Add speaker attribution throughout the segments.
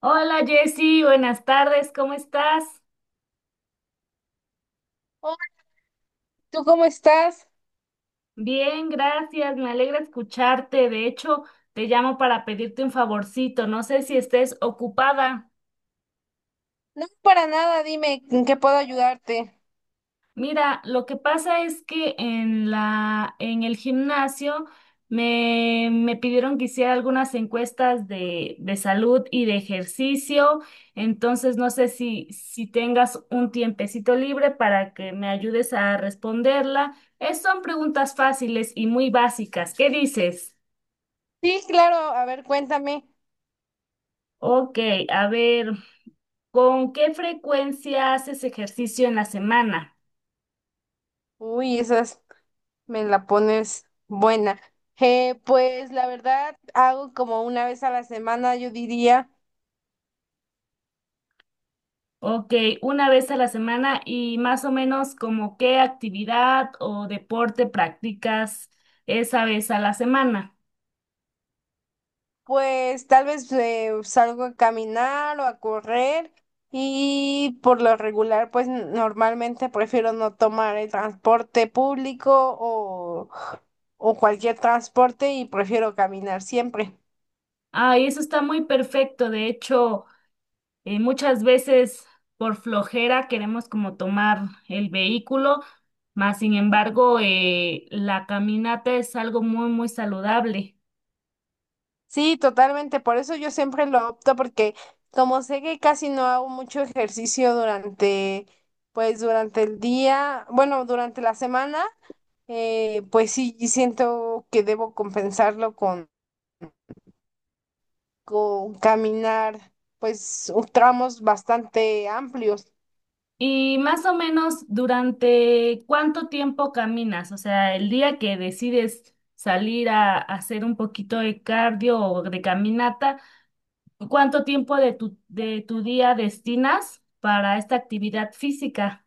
Speaker 1: Hola Jessy, buenas tardes, ¿cómo estás?
Speaker 2: Hola, ¿tú cómo estás?
Speaker 1: Bien, gracias, me alegra escucharte. De hecho, te llamo para pedirte un favorcito, no sé si estés ocupada.
Speaker 2: No, para nada, dime en qué puedo ayudarte.
Speaker 1: Mira, lo que pasa es que en el gimnasio me pidieron que hiciera algunas encuestas de salud y de ejercicio, entonces no sé si tengas un tiempecito libre para que me ayudes a responderla. Son preguntas fáciles y muy básicas. ¿Qué dices?
Speaker 2: Sí, claro, a ver, cuéntame.
Speaker 1: Ok, a ver, ¿con qué frecuencia haces ejercicio en la semana?
Speaker 2: Uy, esas me la pones buena. Pues la verdad, hago como una vez a la semana, yo diría,
Speaker 1: Ok, una vez a la semana y más o menos como qué actividad o deporte practicas esa vez a la semana.
Speaker 2: pues tal vez salgo a caminar o a correr y por lo regular, pues normalmente prefiero no tomar el transporte público o, o cualquier transporte y prefiero caminar siempre.
Speaker 1: Ah, y eso está muy perfecto. De hecho, muchas veces por flojera queremos como tomar el vehículo, mas sin embargo, la caminata es algo muy, muy saludable.
Speaker 2: Sí, totalmente. Por eso yo siempre lo opto porque como sé que casi no hago mucho ejercicio durante, pues durante el día, bueno, durante la semana, pues sí siento que debo compensarlo con caminar, pues tramos bastante amplios,
Speaker 1: Y más o menos durante cuánto tiempo caminas, o sea, el día que decides salir a hacer un poquito de cardio o de caminata, ¿cuánto tiempo de de tu día destinas para esta actividad física?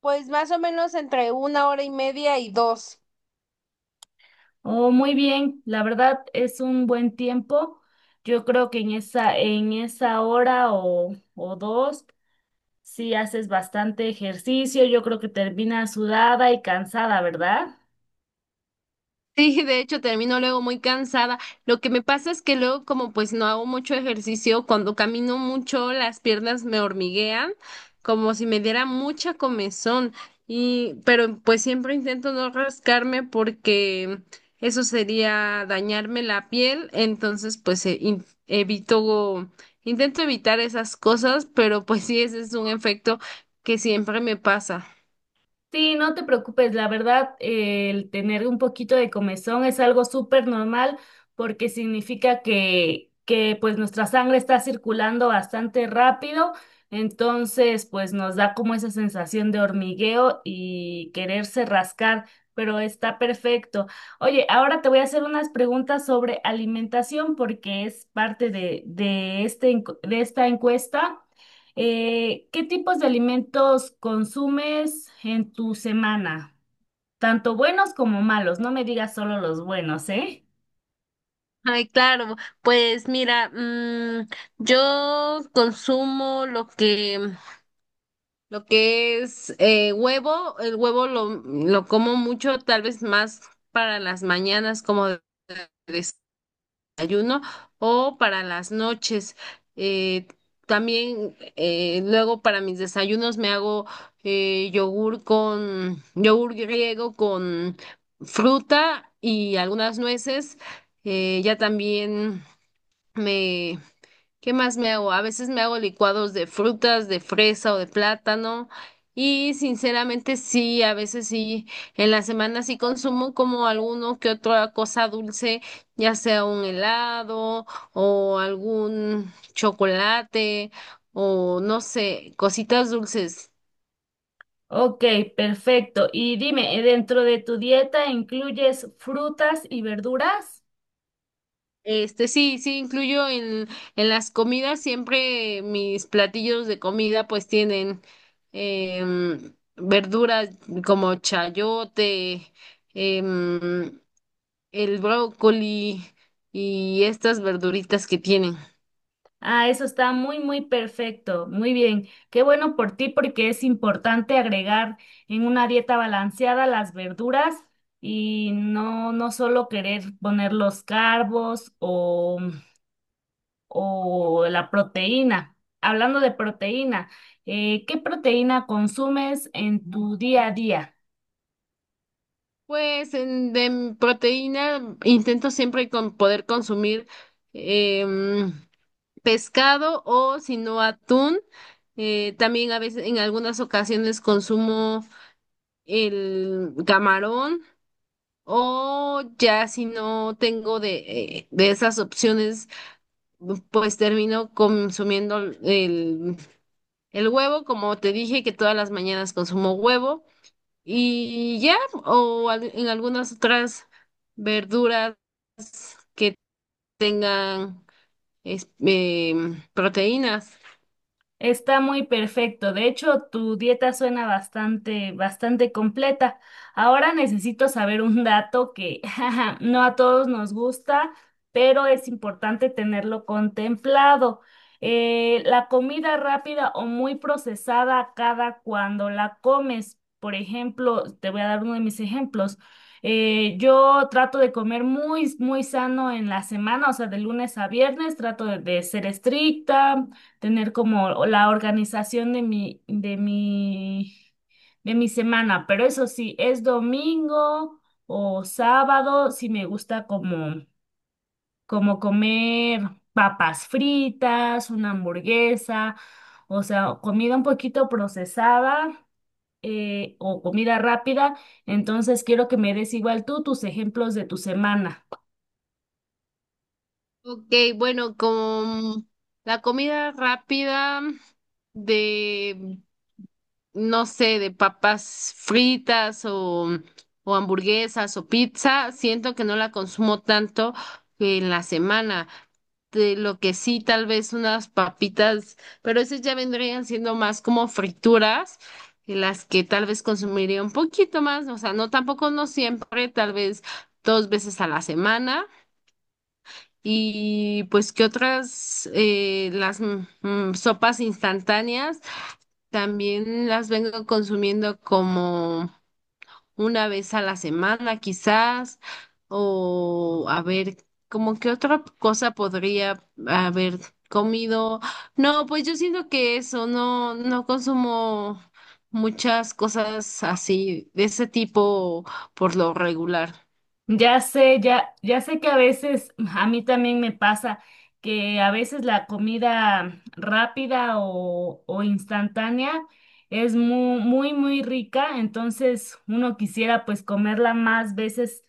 Speaker 2: pues más o menos entre una hora y media y dos.
Speaker 1: Oh, muy bien, la verdad es un buen tiempo. Yo creo que en en esa hora o dos, si haces bastante ejercicio, yo creo que terminas sudada y cansada, ¿verdad?
Speaker 2: Sí, de hecho termino luego muy cansada. Lo que me pasa es que luego como pues no hago mucho ejercicio, cuando camino mucho las piernas me hormiguean, como si me diera mucha comezón. Y pero pues siempre intento no rascarme porque eso sería dañarme la piel, entonces pues e- in- evito intento evitar esas cosas, pero pues sí ese es un efecto que siempre me pasa.
Speaker 1: Sí, no te preocupes, la verdad, el tener un poquito de comezón es algo súper normal porque significa que pues nuestra sangre está circulando bastante rápido, entonces pues nos da como esa sensación de hormigueo y quererse rascar, pero está perfecto. Oye, ahora te voy a hacer unas preguntas sobre alimentación porque es parte de este de esta encuesta. ¿Qué tipos de alimentos consumes en tu semana? Tanto buenos como malos, no me digas solo los buenos, ¿eh?
Speaker 2: Ay, claro, pues mira, yo consumo lo que, es huevo, el huevo lo como mucho, tal vez más para las mañanas como de desayuno o para las noches. Eh, También luego para mis desayunos me hago yogur yogur griego con fruta y algunas nueces. Ya también me ¿Qué más me hago? A veces me hago licuados de frutas, de fresa o de plátano. Y sinceramente sí, a veces sí, en la semana sí consumo como alguno que otra cosa dulce, ya sea un helado o algún chocolate o no sé, cositas dulces.
Speaker 1: Ok, perfecto. Y dime, ¿dentro de tu dieta incluyes frutas y verduras?
Speaker 2: Sí, sí, incluyo en las comidas, siempre mis platillos de comida pues tienen verduras como chayote, em, el brócoli y estas verduritas que tienen.
Speaker 1: Ah, eso está muy, muy perfecto. Muy bien. Qué bueno por ti porque es importante agregar en una dieta balanceada las verduras y no, no solo querer poner los carbos o la proteína. Hablando de proteína, ¿qué proteína consumes en tu día a día?
Speaker 2: Pues de proteína intento siempre con poder consumir em, pescado o si no atún. También a veces en algunas ocasiones consumo el camarón o ya si no tengo de esas opciones, pues termino consumiendo el huevo, como te dije que todas las mañanas consumo huevo y ya, o en algunas otras verduras que tengan proteínas.
Speaker 1: Está muy perfecto. De hecho, tu dieta suena bastante, bastante completa. Ahora necesito saber un dato que jaja, no a todos nos gusta, pero es importante tenerlo contemplado. La comida rápida o muy procesada cada cuando la comes. Por ejemplo, te voy a dar uno de mis ejemplos. Yo trato de comer muy, muy sano en la semana, o sea, de lunes a viernes, trato de ser estricta, tener como la organización de de mi semana, pero eso sí, es domingo o sábado, si me gusta como, como comer papas fritas, una hamburguesa, o sea, comida un poquito procesada, o comida rápida, entonces quiero que me des igual tú tus ejemplos de tu semana.
Speaker 2: Ok, bueno, con la comida rápida de no sé, de papas fritas o hamburguesas o pizza, siento que no la consumo tanto en la semana. De lo que sí, tal vez unas papitas, pero esas ya vendrían siendo más como frituras, y las que tal vez consumiría un poquito más, o sea, no tampoco no siempre, tal vez dos veces a la semana. Y pues que otras, las sopas instantáneas. También las vengo consumiendo como una vez a la semana, quizás, o a ver, como que otra cosa podría haber comido. No, pues yo siento que eso, no, no consumo muchas cosas así, de ese tipo por lo regular.
Speaker 1: Ya sé, ya sé que a veces a mí también me pasa que a veces la comida rápida o instantánea es muy, muy, muy rica, entonces uno quisiera pues comerla más veces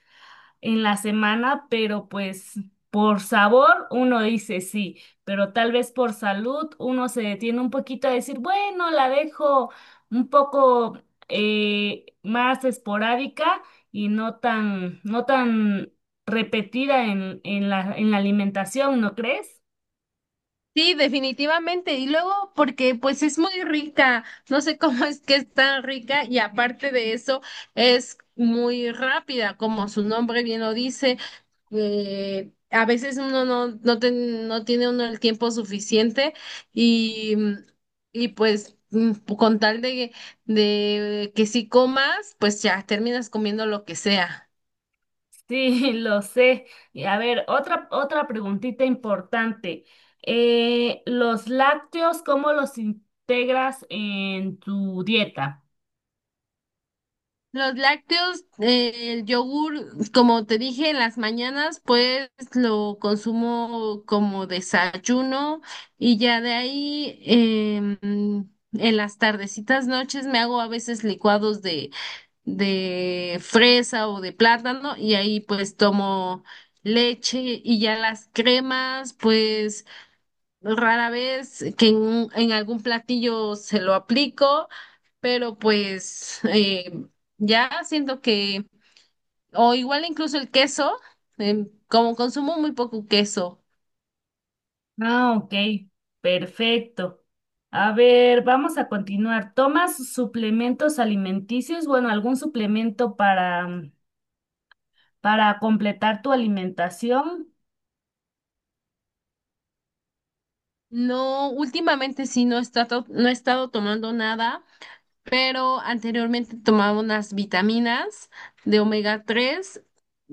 Speaker 1: en la semana, pero pues por sabor uno dice sí, pero tal vez por salud uno se detiene un poquito a decir, bueno, la dejo un poco, más esporádica y no tan repetida en la alimentación, ¿no crees?
Speaker 2: Sí, definitivamente. Y luego porque pues es muy rica. No sé cómo es que es tan rica y aparte de eso es muy rápida, como su nombre bien lo dice. A veces uno no, no, no tiene uno el tiempo suficiente y, y pues con tal de que si comas, pues ya terminas comiendo lo que sea.
Speaker 1: Sí, lo sé. Y a ver, otra preguntita importante. ¿Los lácteos, cómo los integras en tu dieta?
Speaker 2: Los lácteos, el yogur, como te dije, en las mañanas, pues lo consumo como desayuno y ya de ahí en las tardecitas, noches me hago a veces licuados de fresa o de plátano y ahí pues tomo leche y ya las cremas, pues rara vez que en, algún platillo se lo aplico, pero pues ya siento que, o igual incluso el queso, como consumo muy poco queso.
Speaker 1: Ah, ok, perfecto. A ver, vamos a continuar. ¿Tomas suplementos alimenticios? Bueno, algún suplemento para, para completar tu alimentación.
Speaker 2: No, últimamente sí no he estado, tomando nada, pero anteriormente tomaba unas vitaminas de omega 3.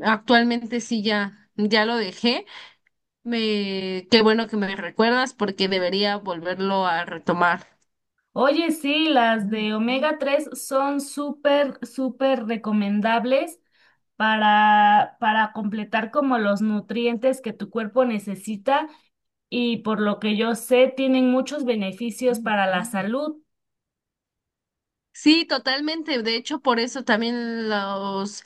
Speaker 2: Actualmente sí ya lo dejé. Qué bueno que me recuerdas porque debería volverlo a retomar.
Speaker 1: Oye, sí, las de omega-3 son súper, súper recomendables para completar como los nutrientes que tu cuerpo necesita y por lo que yo sé, tienen muchos beneficios para la salud.
Speaker 2: Sí, totalmente. De hecho, por eso también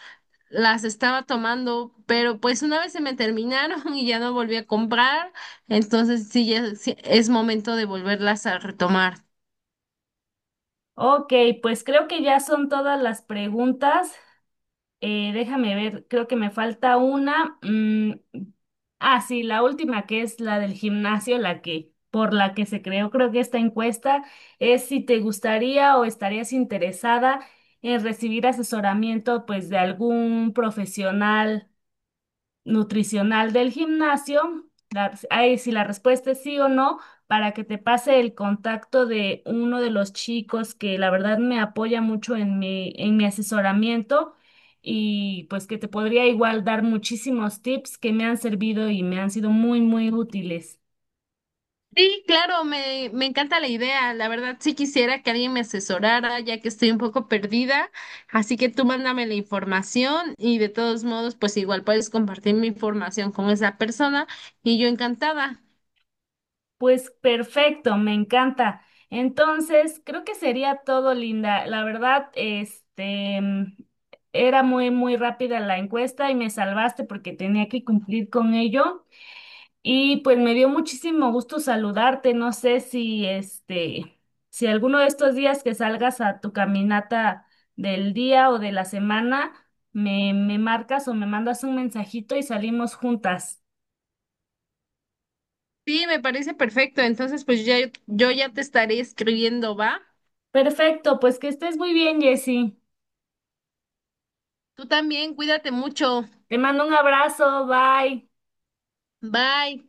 Speaker 2: las estaba tomando, pero pues una vez se me terminaron y ya no volví a comprar, entonces sí, ya sí, es momento de volverlas a retomar.
Speaker 1: Ok, pues creo que ya son todas las preguntas. Déjame ver, creo que me falta una. Mm, ah, sí, la última, que es la del gimnasio, la que por la que se creó, creo que esta encuesta, es si te gustaría o estarías interesada en recibir asesoramiento, pues, de algún profesional nutricional del gimnasio. La- ahí si la respuesta es sí o no, para que te pase el contacto de uno de los chicos que la verdad me apoya mucho en en mi asesoramiento y pues que te podría igual dar muchísimos tips que me han servido y me han sido muy, muy útiles.
Speaker 2: Sí, claro, me encanta la idea. La verdad, sí quisiera que alguien me asesorara, ya que estoy un poco perdida. Así que tú mándame la información y de todos modos, pues igual puedes compartir mi información con esa persona y yo encantada.
Speaker 1: Pues perfecto, me encanta. Entonces, creo que sería todo, Linda. La verdad, este, mm, era muy, muy rápida la encuesta y me salvaste porque tenía que cumplir con ello. Y pues me dio muchísimo gusto saludarte. No sé si, este, si alguno de estos días que salgas a tu caminata del día o de la semana, me marcas o me mandas un mensajito y salimos juntas.
Speaker 2: Sí, me parece perfecto. Entonces, pues ya, yo ya te estaré escribiendo, ¿va?
Speaker 1: Perfecto, pues que estés muy bien, Jessie.
Speaker 2: Tú también, cuídate mucho.
Speaker 1: Te mando un abrazo, bye.
Speaker 2: Bye.